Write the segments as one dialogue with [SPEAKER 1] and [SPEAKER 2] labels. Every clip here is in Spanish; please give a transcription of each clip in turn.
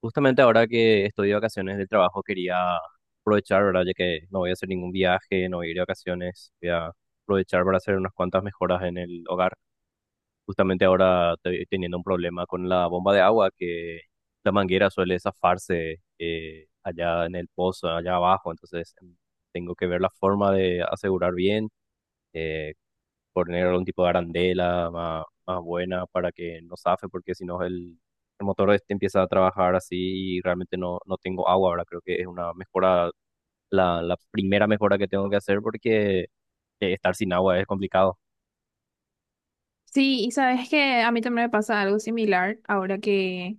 [SPEAKER 1] Justamente ahora que estoy de vacaciones del trabajo quería aprovechar, ¿verdad? Ya que no voy a hacer ningún viaje, no voy a ir de vacaciones, voy a aprovechar para hacer unas cuantas mejoras en el hogar. Justamente ahora estoy teniendo un problema con la bomba de agua, que la manguera suele zafarse allá en el pozo, allá abajo, entonces tengo que ver la forma de asegurar bien. eh, Poner algún tipo de arandela más, más buena para que no zafe, porque si no el motor este empieza a trabajar así y realmente no tengo agua. Ahora creo que es una mejora, la primera mejora que tengo que hacer porque estar sin agua es complicado.
[SPEAKER 2] Sí, y sabes que a mí también me pasa algo similar ahora que,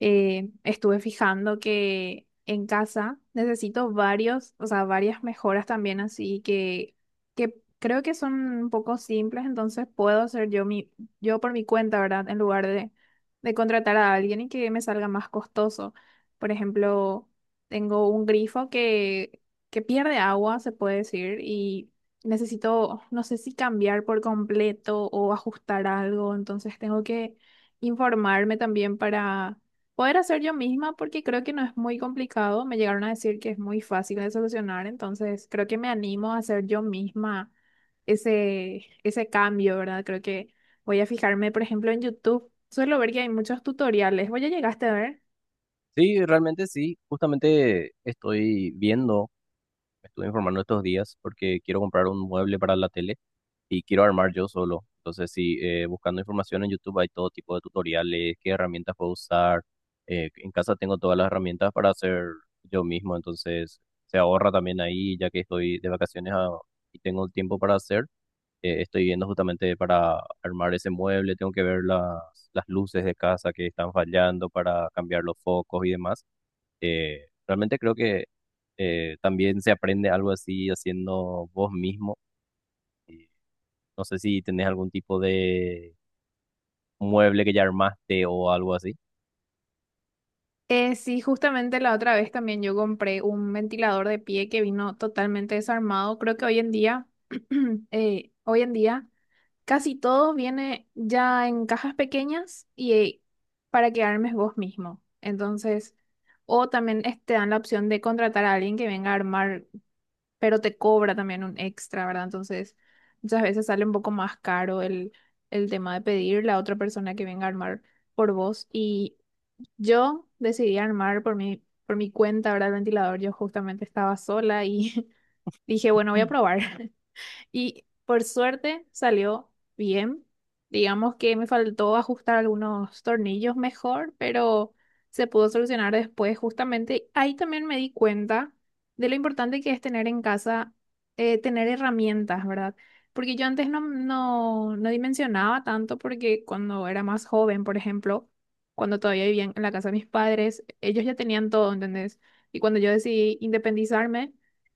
[SPEAKER 2] estuve fijando que en casa necesito varios, o sea, varias mejoras también, así que creo que son un poco simples, entonces puedo hacer yo, yo por mi cuenta, ¿verdad? En lugar de contratar a alguien y que me salga más costoso. Por ejemplo, tengo un grifo que pierde agua, se puede decir, y necesito, no sé si cambiar por completo o ajustar algo, entonces tengo que informarme también para poder hacer yo misma porque creo que no es muy complicado. Me llegaron a decir que es muy fácil de solucionar, entonces creo que me animo a hacer yo misma ese cambio, ¿verdad? Creo que voy a fijarme, por ejemplo, en YouTube. Suelo ver que hay muchos tutoriales. ¿Vos ya llegaste a ver?
[SPEAKER 1] Sí, realmente sí, justamente estoy viendo, me estuve informando estos días porque quiero comprar un mueble para la tele y quiero armar yo solo. Entonces, sí, buscando información en YouTube hay todo tipo de tutoriales, qué herramientas puedo usar. En casa tengo todas las herramientas para hacer yo mismo, entonces se ahorra también ahí, ya que estoy de vacaciones y tengo el tiempo para hacer. Estoy viendo justamente para armar ese mueble, tengo que ver las luces de casa que están fallando para cambiar los focos y demás. Realmente creo que también se aprende algo así haciendo vos mismo. No sé si tenés algún tipo de mueble que ya armaste o algo así.
[SPEAKER 2] Sí, justamente la otra vez también yo compré un ventilador de pie que vino totalmente desarmado. Creo que hoy en día, hoy en día, casi todo viene ya en cajas pequeñas y para que armes vos mismo. Entonces, o también te dan la opción de contratar a alguien que venga a armar, pero te cobra también un extra, ¿verdad? Entonces, muchas veces sale un poco más caro el tema de pedirle a otra persona que venga a armar por vos. Y yo decidí armar por por mi cuenta, ¿verdad? El ventilador. Yo justamente estaba sola y dije, bueno, voy a probar. Y por suerte salió bien. Digamos que me faltó ajustar algunos tornillos mejor, pero se pudo solucionar después. Justamente ahí también me di cuenta de lo importante que es tener en casa, tener herramientas, ¿verdad? Porque yo antes no dimensionaba tanto porque cuando era más joven, por ejemplo, cuando todavía vivía en la casa de mis padres, ellos ya tenían todo, ¿entendés? Y cuando yo decidí independizarme,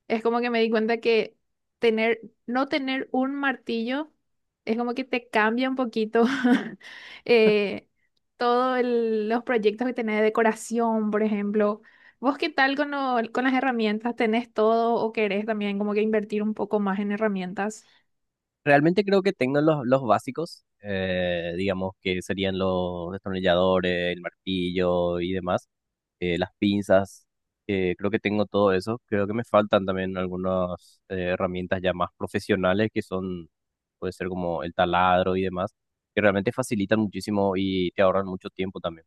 [SPEAKER 2] es como que me di cuenta que tener no tener un martillo es como que te cambia un poquito eh, todos los proyectos que tenés de decoración, por ejemplo. ¿Vos qué tal con, con las herramientas? ¿Tenés todo o querés también como que invertir un poco más en herramientas?
[SPEAKER 1] Realmente creo que tengo los básicos, digamos que serían los destornilladores, el martillo y demás, las pinzas. Creo que tengo todo eso. Creo que me faltan también algunas herramientas ya más profesionales que son, puede ser como el taladro y demás, que realmente facilitan muchísimo y te ahorran mucho tiempo también.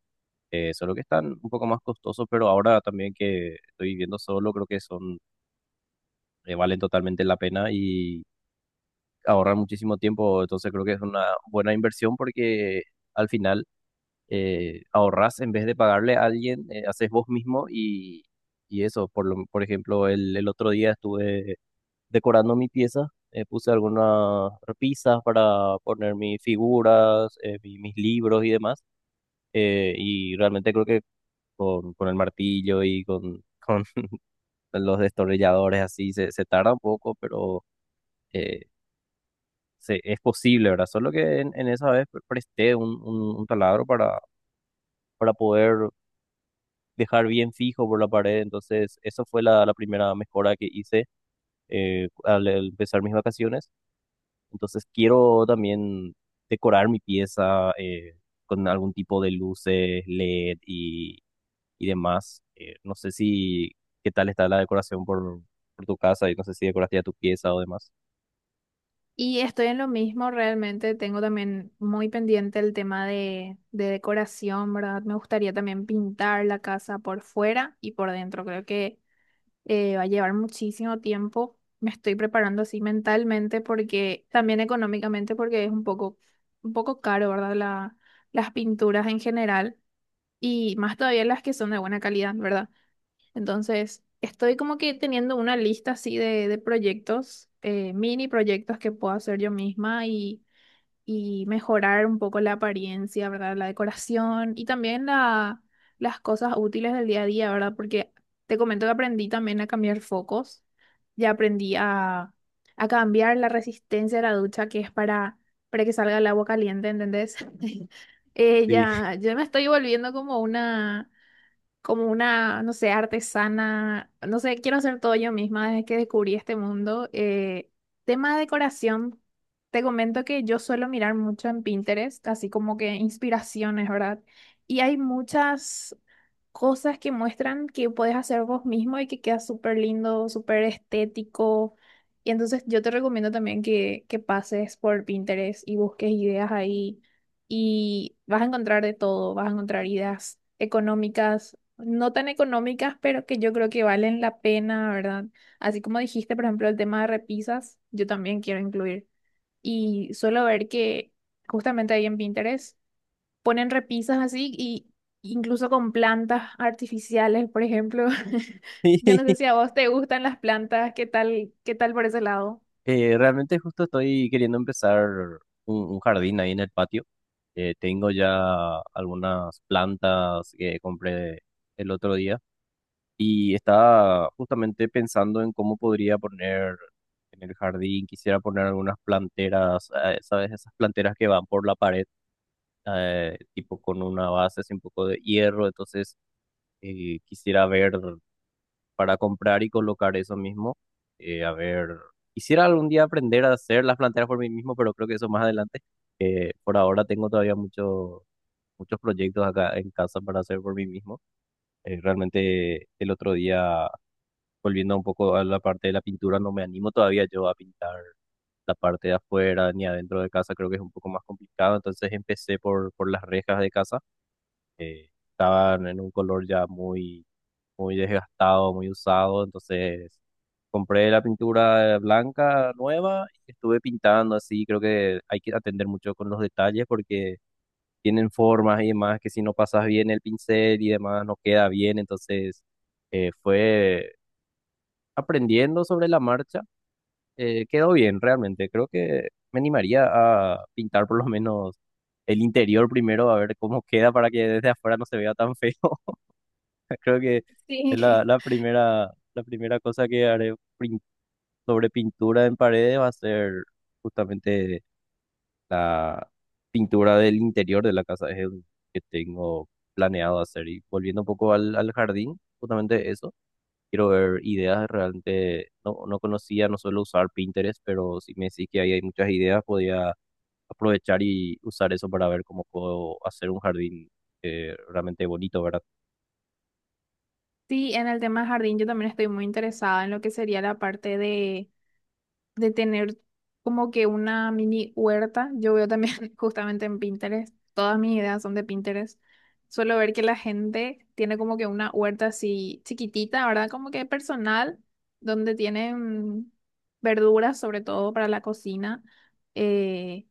[SPEAKER 1] Solo que están un poco más costosos, pero ahora también que estoy viviendo solo, creo que son valen totalmente la pena y ahorrar muchísimo tiempo. Entonces creo que es una buena inversión porque al final ahorras en vez de pagarle a alguien, haces vos mismo y eso. Por ejemplo, el otro día estuve decorando mi pieza, puse algunas repisas para poner mis figuras, mis libros y demás. Y realmente creo que con el martillo y con los destornilladores así se tarda un poco, pero eh, es posible, ¿verdad? Solo que en esa vez presté un taladro para poder dejar bien fijo por la pared. Entonces, eso fue la primera mejora que hice al empezar mis vacaciones. Entonces, quiero también decorar mi pieza con algún tipo de luces, LED y demás. No sé si ¿Qué tal está la decoración por tu casa? Y no sé si decoraste ya tu pieza o demás.
[SPEAKER 2] Y estoy en lo mismo, realmente tengo también muy pendiente el tema de decoración, ¿verdad? Me gustaría también pintar la casa por fuera y por dentro. Creo que va a llevar muchísimo tiempo. Me estoy preparando así mentalmente porque también económicamente porque es un poco caro, ¿verdad? La, las pinturas en general y más todavía las que son de buena calidad, ¿verdad? Entonces, estoy como que teniendo una lista así de proyectos, mini proyectos que puedo hacer yo misma y mejorar un poco la apariencia, ¿verdad? La decoración y también la, las cosas útiles del día a día, ¿verdad? Porque te comento que aprendí también a cambiar focos, ya aprendí a cambiar la resistencia de la ducha que es para que salga el agua caliente, ¿entendés?
[SPEAKER 1] Sí.
[SPEAKER 2] Ya, yo me estoy volviendo como una, no sé, artesana, no sé, quiero hacer todo yo misma desde que descubrí este mundo. Tema de decoración, te comento que yo suelo mirar mucho en Pinterest, así como que inspiraciones, ¿verdad? Y hay muchas cosas que muestran que puedes hacer vos mismo y que queda súper lindo, súper estético. Y entonces yo te recomiendo también que pases por Pinterest y busques ideas ahí y vas a encontrar de todo, vas a encontrar ideas económicas, no tan económicas, pero que yo creo que valen la pena, ¿verdad? Así como dijiste, por ejemplo, el tema de repisas, yo también quiero incluir. Y suelo ver que justamente ahí en Pinterest ponen repisas así y incluso con plantas artificiales, por ejemplo. Yo no sé si a vos te gustan las plantas, qué tal por ese lado?
[SPEAKER 1] Realmente justo estoy queriendo empezar un jardín ahí en el patio. Tengo ya algunas plantas que compré el otro día y estaba justamente pensando en cómo podría poner en el jardín. Quisiera poner algunas planteras, ¿sabes? Esas planteras que van por la pared, tipo con una base así un poco de hierro. Entonces quisiera ver para comprar y colocar eso mismo. A ver, quisiera algún día aprender a hacer las planteras por mí mismo, pero creo que eso más adelante. Por ahora tengo todavía muchos muchos proyectos acá en casa para hacer por mí mismo. Realmente el otro día, volviendo un poco a la parte de la pintura, no me animo todavía yo a pintar la parte de afuera ni adentro de casa, creo que es un poco más complicado. Entonces empecé por las rejas de casa estaban en un color ya muy, muy desgastado, muy usado, entonces compré la pintura blanca nueva y estuve pintando así, creo que hay que atender mucho con los detalles porque tienen formas y demás que si no pasas bien el pincel y demás no queda bien, entonces fue aprendiendo sobre la marcha, quedó bien realmente, creo que me animaría a pintar por lo menos el interior primero a ver cómo queda para que desde afuera no se vea tan feo. Creo que es
[SPEAKER 2] Sí.
[SPEAKER 1] la primera cosa que haré sobre pintura en paredes va a ser justamente la pintura del interior de la casa. Es el que tengo planeado hacer. Y volviendo un poco al jardín, justamente eso. Quiero ver ideas realmente. No, no conocía, no suelo usar Pinterest, pero si me decís que ahí hay muchas ideas, podía aprovechar y usar eso para ver cómo puedo hacer un jardín realmente bonito, ¿verdad?
[SPEAKER 2] Sí, en el tema jardín yo también estoy muy interesada en lo que sería la parte de tener como que una mini huerta. Yo veo también justamente en Pinterest, todas mis ideas son de Pinterest. Suelo ver que la gente tiene como que una huerta así chiquitita, ¿verdad? Como que personal, donde tienen verduras, sobre todo para la cocina. eh,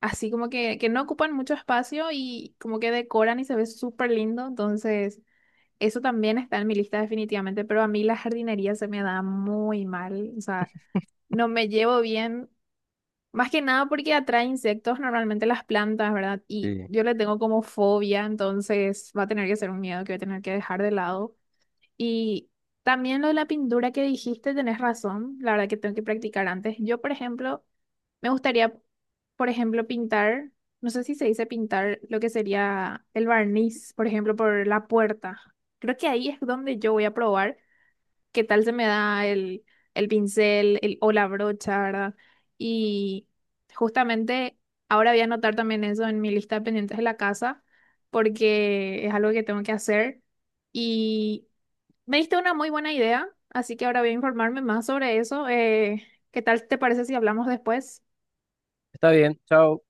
[SPEAKER 2] Así como que no ocupan mucho espacio y como que decoran y se ve súper lindo. Entonces, eso también está en mi lista definitivamente, pero a mí la jardinería se me da muy mal. O sea, no me llevo bien, más que nada porque atrae insectos normalmente las plantas, ¿verdad? Y
[SPEAKER 1] Sí.
[SPEAKER 2] yo le tengo como fobia, entonces va a tener que ser un miedo que voy a tener que dejar de lado. Y también lo de la pintura que dijiste, tenés razón, la verdad que tengo que practicar antes. Yo, por ejemplo, me gustaría, por ejemplo, pintar, no sé si se dice pintar lo que sería el barniz, por ejemplo, por la puerta. Creo que ahí es donde yo voy a probar qué tal se me da el pincel o la brocha, ¿verdad? Y justamente ahora voy a anotar también eso en mi lista de pendientes de la casa, porque es algo que tengo que hacer. Y me diste una muy buena idea, así que ahora voy a informarme más sobre eso. ¿Qué tal te parece si hablamos después?
[SPEAKER 1] Está bien, chao.